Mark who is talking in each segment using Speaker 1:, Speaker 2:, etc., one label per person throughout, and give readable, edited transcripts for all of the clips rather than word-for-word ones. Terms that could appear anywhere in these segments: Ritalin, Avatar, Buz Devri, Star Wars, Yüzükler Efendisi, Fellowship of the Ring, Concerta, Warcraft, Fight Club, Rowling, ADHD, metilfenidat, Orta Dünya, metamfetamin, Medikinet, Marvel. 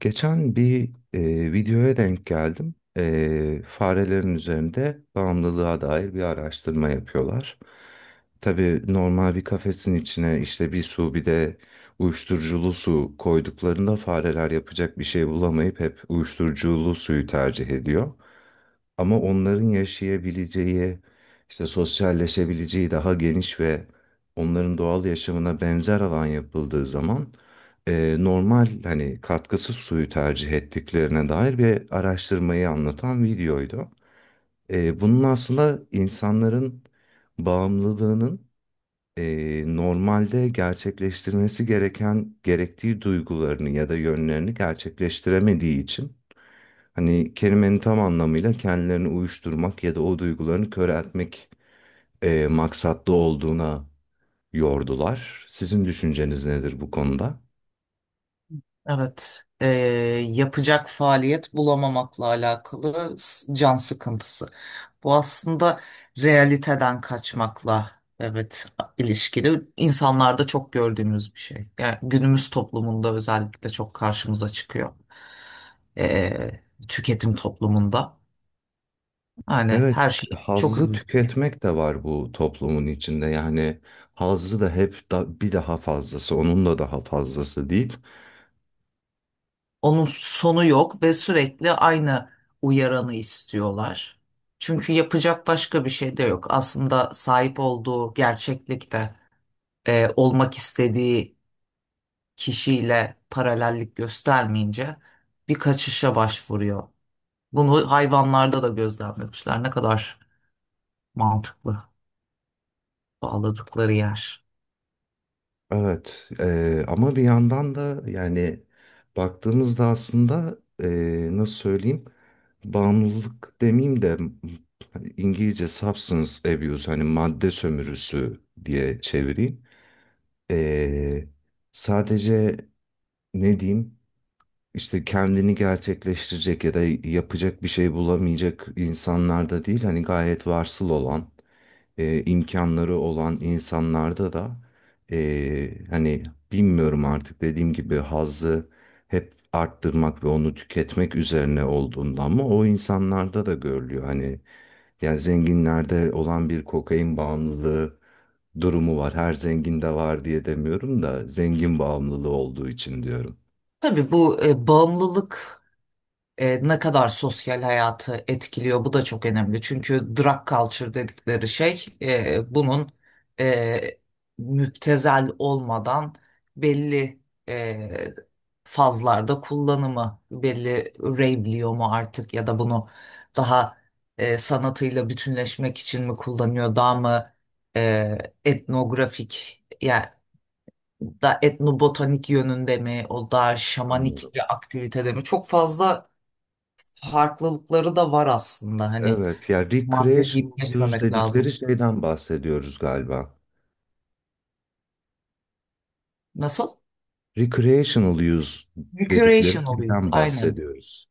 Speaker 1: Geçen bir videoya denk geldim. Farelerin üzerinde bağımlılığa dair bir araştırma yapıyorlar. Tabii normal bir kafesin içine işte bir su bir de uyuşturuculu su koyduklarında fareler yapacak bir şey bulamayıp hep uyuşturuculu suyu tercih ediyor. Ama onların yaşayabileceği, işte sosyalleşebileceği daha geniş ve onların doğal yaşamına benzer alan yapıldığı zaman normal hani katkısız suyu tercih ettiklerine dair bir araştırmayı anlatan videoydu. Bunun aslında insanların bağımlılığının normalde gerçekleştirmesi gereken gerektiği duygularını ya da yönlerini gerçekleştiremediği için hani kelimenin tam anlamıyla kendilerini uyuşturmak ya da o duygularını köreltmek maksatlı olduğuna yordular. Sizin düşünceniz nedir bu konuda?
Speaker 2: Evet, yapacak faaliyet bulamamakla alakalı can sıkıntısı. Bu aslında realiteden kaçmakla, evet, ilişkili. İnsanlarda çok gördüğümüz bir şey. Yani günümüz toplumunda özellikle çok karşımıza çıkıyor. Eee, Tüketim toplumunda. Yani
Speaker 1: Evet,
Speaker 2: her şey çok
Speaker 1: hazzı
Speaker 2: hızlı.
Speaker 1: tüketmek de var bu toplumun içinde. Yani hazzı da hep bir daha fazlası, onun da daha fazlası değil.
Speaker 2: Onun sonu yok ve sürekli aynı uyaranı istiyorlar. Çünkü yapacak başka bir şey de yok. Aslında sahip olduğu gerçeklikte olmak istediği kişiyle paralellik göstermeyince bir kaçışa başvuruyor. Bunu hayvanlarda da gözlemlemişler. Ne kadar mantıklı bağladıkları yer.
Speaker 1: Evet ama bir yandan da yani baktığımızda aslında nasıl söyleyeyim bağımlılık demeyeyim de hani İngilizce substance abuse hani madde sömürüsü diye çevireyim. Eee, Sadece ne diyeyim işte kendini gerçekleştirecek ya da yapacak bir şey bulamayacak insanlar da değil hani gayet varsıl olan imkanları olan insanlarda da hani bilmiyorum artık dediğim gibi hazzı hep arttırmak ve onu tüketmek üzerine olduğunda ama o insanlarda da görülüyor. Hani yani zenginlerde olan bir kokain bağımlılığı durumu var. Her zenginde var diye demiyorum da zengin bağımlılığı olduğu için diyorum.
Speaker 2: Tabii bu bağımlılık ne kadar sosyal hayatı etkiliyor, bu da çok önemli. Çünkü drug culture dedikleri şey, bunun e, müptezel olmadan belli e, fazlarda kullanımı, belli rave'liyor mu artık, ya da bunu daha sanatıyla bütünleşmek için mi kullanıyor, daha mı e, etnografik, yani da etnobotanik yönünde mi, o daha şamanik
Speaker 1: Anladım.
Speaker 2: bir aktivitede mi, çok fazla farklılıkları da var aslında. Hani
Speaker 1: Evet ya
Speaker 2: madde deyip
Speaker 1: recreational use
Speaker 2: geçmemek
Speaker 1: dedikleri
Speaker 2: lazım.
Speaker 1: şeyden bahsediyoruz galiba.
Speaker 2: Nasıl?
Speaker 1: Recreational use dedikleri
Speaker 2: Recreational use.
Speaker 1: şeyden
Speaker 2: Aynen.
Speaker 1: bahsediyoruz.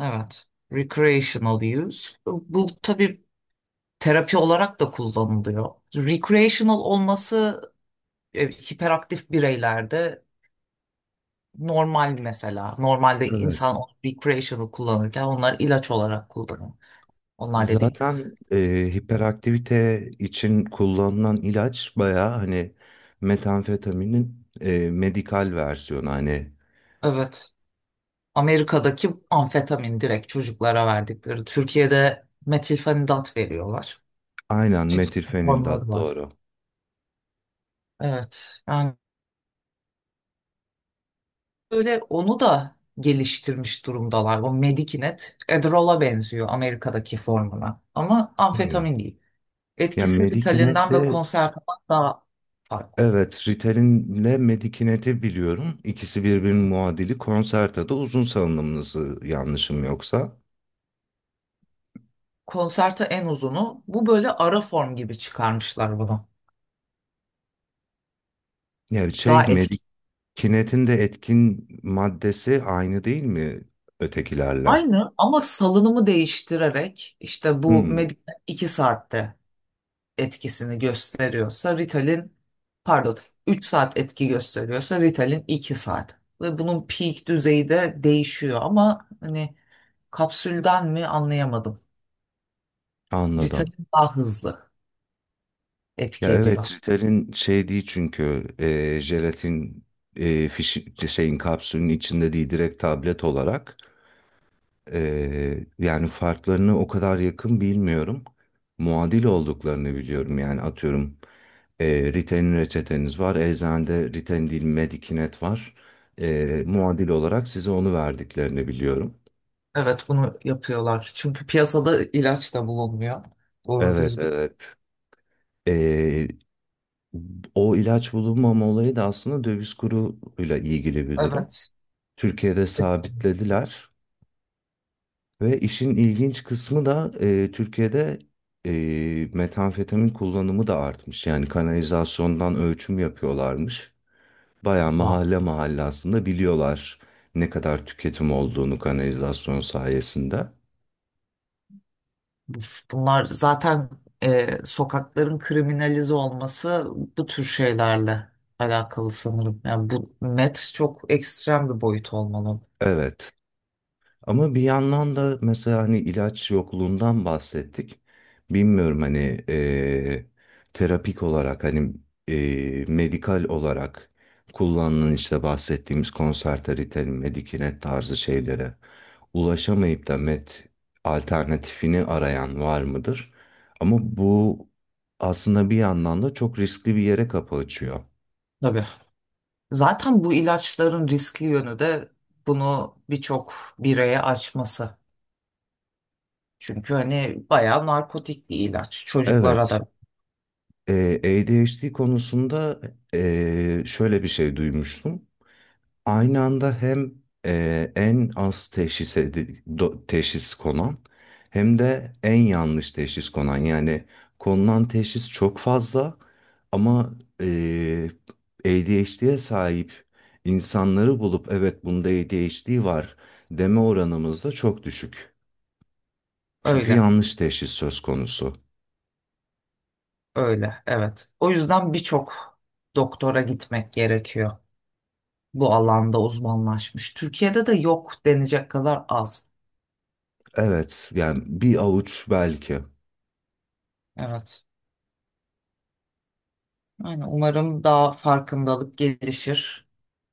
Speaker 2: Evet. Recreational use. Bu tabii terapi olarak da kullanılıyor. Recreational olması hiperaktif bireylerde normal mesela. Normalde
Speaker 1: Evet.
Speaker 2: insan recreational kullanırken onlar ilaç olarak kullanıyor. Onlar dediğim.
Speaker 1: Zaten hiperaktivite için kullanılan ilaç bayağı hani metamfetaminin medikal versiyonu hani
Speaker 2: Evet. Amerika'daki amfetamin direkt çocuklara verdikleri. Türkiye'de metilfenidat veriyorlar.
Speaker 1: aynen
Speaker 2: Çeşitli formları
Speaker 1: metilfenidat
Speaker 2: var.
Speaker 1: doğru.
Speaker 2: Evet. Yani böyle onu da geliştirmiş durumdalar. O Medikinet Adderall'a benziyor, Amerika'daki formuna. Ama
Speaker 1: Hmm.
Speaker 2: amfetamin değil.
Speaker 1: Yani
Speaker 2: Etkisi Ritalin'den ve
Speaker 1: Medikinet'le
Speaker 2: Concerta'dan daha farklı.
Speaker 1: evet, Ritalin'le Medikinet'i biliyorum. İkisi birbirinin muadili. Concerta'da uzun salınımlısı yanlışım yoksa.
Speaker 2: Concerta en uzunu. Bu böyle ara form gibi çıkarmışlar bunu.
Speaker 1: Yani şey
Speaker 2: Daha etkili.
Speaker 1: Medikinet'in de etkin maddesi aynı değil mi ötekilerle?
Speaker 2: Aynı, ama salınımı değiştirerek işte bu
Speaker 1: Hmm,
Speaker 2: Medikinet 2 saatte etkisini gösteriyorsa, Ritalin, pardon, 3 saat etki gösteriyorsa Ritalin 2 saat. Ve bunun peak düzeyi de değişiyor, ama hani kapsülden mi anlayamadım.
Speaker 1: anladım.
Speaker 2: Ritalin daha hızlı
Speaker 1: Ya
Speaker 2: etki ediyor.
Speaker 1: evet Ritalin şey değil çünkü jelatin şeyin kapsülün içinde değil direkt tablet olarak. Yani farklarını o kadar yakın bilmiyorum. Muadil olduklarını biliyorum. Yani atıyorum Riten'in reçeteniz var. Eczanede Riten değil Medikinet var. Muadil olarak size onu verdiklerini biliyorum.
Speaker 2: Evet, bunu yapıyorlar. Çünkü piyasada ilaç da bulunmuyor. Doğru
Speaker 1: Evet,
Speaker 2: düzgün.
Speaker 1: evet. Eee, O ilaç bulunmama olayı da aslında döviz kuruyla ilgili bir durum.
Speaker 2: Evet.
Speaker 1: Türkiye'de sabitlediler. Ve işin ilginç kısmı da Türkiye'de metamfetamin kullanımı da artmış. Yani kanalizasyondan ölçüm yapıyorlarmış. Bayağı
Speaker 2: Var.
Speaker 1: mahalle mahalle aslında biliyorlar ne kadar tüketim olduğunu kanalizasyon sayesinde.
Speaker 2: Bunlar zaten, sokakların kriminalize olması bu tür şeylerle alakalı sanırım. Yani bu met çok ekstrem bir boyut olmalı.
Speaker 1: Evet. Ama bir yandan da mesela hani ilaç yokluğundan bahsettik. Bilmiyorum hani eee, terapik olarak hani medikal olarak kullanılan işte bahsettiğimiz konser ritalin, Medikinet tarzı şeylere ulaşamayıp da met alternatifini arayan var mıdır? Ama bu aslında bir yandan da çok riskli bir yere kapı açıyor.
Speaker 2: Tabii. Zaten bu ilaçların riskli yönü de bunu birçok bireye açması. Çünkü hani bayağı narkotik bir ilaç. Çocuklara
Speaker 1: Evet,
Speaker 2: da
Speaker 1: eee ADHD konusunda şöyle bir şey duymuştum. Aynı anda hem en az teşhis konan hem de en yanlış teşhis konan. Yani konulan teşhis çok fazla ama e, ADHD'ye sahip insanları bulup evet bunda ADHD var deme oranımız da çok düşük. Çünkü
Speaker 2: öyle,
Speaker 1: yanlış teşhis söz konusu.
Speaker 2: öyle, evet. O yüzden birçok doktora gitmek gerekiyor. Bu alanda uzmanlaşmış. Türkiye'de de yok denecek kadar az.
Speaker 1: Evet yani bir avuç belki.
Speaker 2: Evet. Yani umarım daha farkındalık gelişir.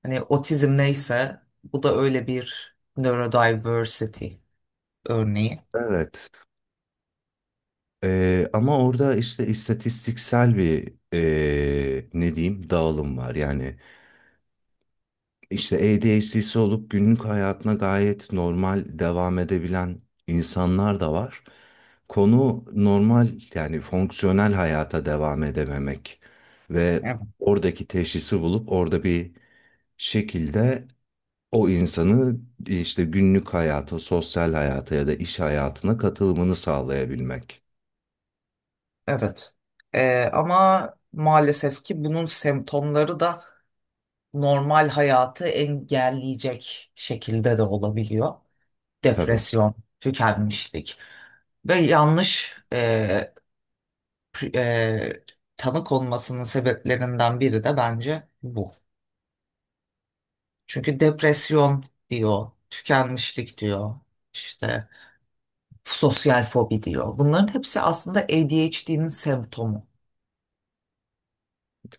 Speaker 2: Hani otizm neyse, bu da öyle bir neurodiversity örneği.
Speaker 1: Evet. Ama orada işte istatistiksel bir ne diyeyim dağılım var. Yani işte ADHD'si olup günlük hayatına gayet normal devam edebilen insanlar da var. Konu normal yani fonksiyonel hayata devam edememek ve
Speaker 2: Evet.
Speaker 1: oradaki teşhisi bulup orada bir şekilde o insanı işte günlük hayata, sosyal hayata ya da iş hayatına katılımını sağlayabilmek.
Speaker 2: Evet. Ama maalesef ki bunun semptomları da normal hayatı engelleyecek şekilde de olabiliyor.
Speaker 1: Tabii.
Speaker 2: Depresyon, tükenmişlik ve yanlış pri- e, tanı konmasının sebeplerinden biri de bence bu. Çünkü depresyon diyor, tükenmişlik diyor, işte sosyal fobi diyor. Bunların hepsi aslında ADHD'nin semptomu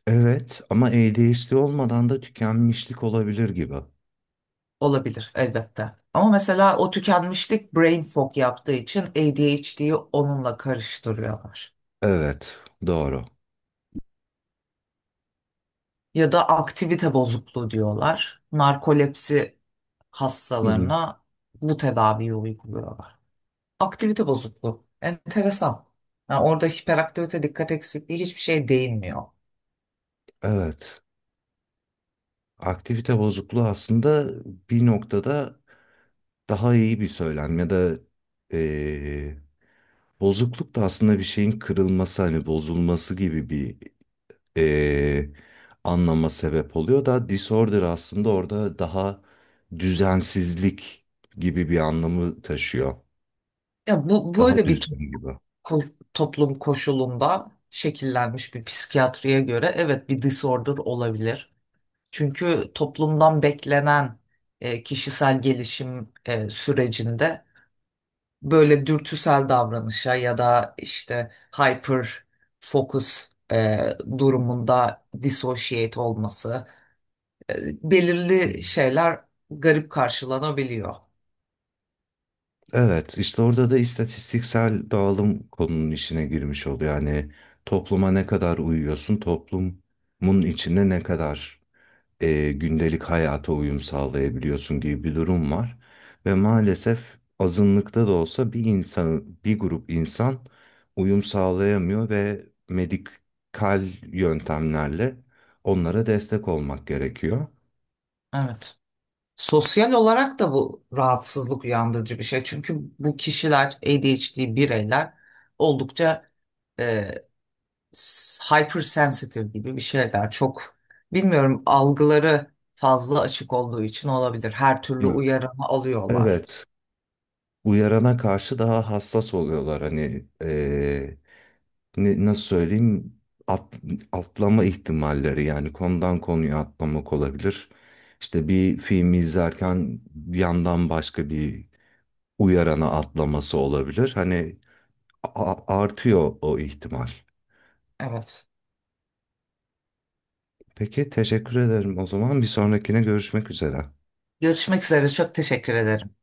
Speaker 1: Evet ama ADHD olmadan da tükenmişlik olabilir gibi.
Speaker 2: olabilir elbette. Ama mesela o tükenmişlik brain fog yaptığı için ADHD'yi onunla karıştırıyorlar.
Speaker 1: Evet, doğru.
Speaker 2: Ya da aktivite bozukluğu diyorlar. Narkolepsi
Speaker 1: Hı hı.
Speaker 2: hastalarına bu tedaviyi uyguluyorlar. Aktivite bozukluğu. Enteresan. Yani orada hiperaktivite, dikkat eksikliği, hiçbir şey değinmiyor.
Speaker 1: Evet. Aktivite bozukluğu aslında bir noktada daha iyi bir söylem ya da eee, bozukluk da aslında bir şeyin kırılması hani bozulması gibi bir eee, anlama sebep oluyor da disorder aslında orada daha düzensizlik gibi bir anlamı taşıyor.
Speaker 2: Ya bu
Speaker 1: Daha
Speaker 2: böyle bir to-
Speaker 1: düzgün gibi. Hı
Speaker 2: ko- Toplum koşulunda şekillenmiş bir psikiyatriye göre evet bir disorder olabilir. Çünkü toplumdan beklenen kişisel gelişim sürecinde böyle dürtüsel davranışa ya da işte hyper focus durumunda dissociate olması, e,
Speaker 1: hı.
Speaker 2: belirli şeyler garip karşılanabiliyor.
Speaker 1: Evet, işte orada da istatistiksel dağılım konunun içine girmiş oluyor. Yani topluma ne kadar uyuyorsun, toplumun içinde ne kadar gündelik hayata uyum sağlayabiliyorsun gibi bir durum var. Ve maalesef azınlıkta da olsa bir insan, bir grup insan uyum sağlayamıyor ve medikal yöntemlerle onlara destek olmak gerekiyor.
Speaker 2: Evet. Sosyal olarak da bu rahatsızlık uyandırıcı bir şey. Çünkü bu kişiler, ADHD bireyler, oldukça e, hypersensitive gibi bir şeyler. Çok bilmiyorum, algıları fazla açık olduğu için olabilir. Her türlü
Speaker 1: Evet.
Speaker 2: uyarımı alıyorlar.
Speaker 1: Evet, uyarana karşı daha hassas oluyorlar hani nasıl söyleyeyim at- atlama ihtimalleri yani konudan konuya atlamak olabilir. İşte bir filmi izlerken bir yandan başka bir uyarana atlaması olabilir. Hani artıyor o ihtimal.
Speaker 2: Evet.
Speaker 1: Peki teşekkür ederim o zaman. Bir sonrakine görüşmek üzere.
Speaker 2: Görüşmek üzere. Çok teşekkür ederim.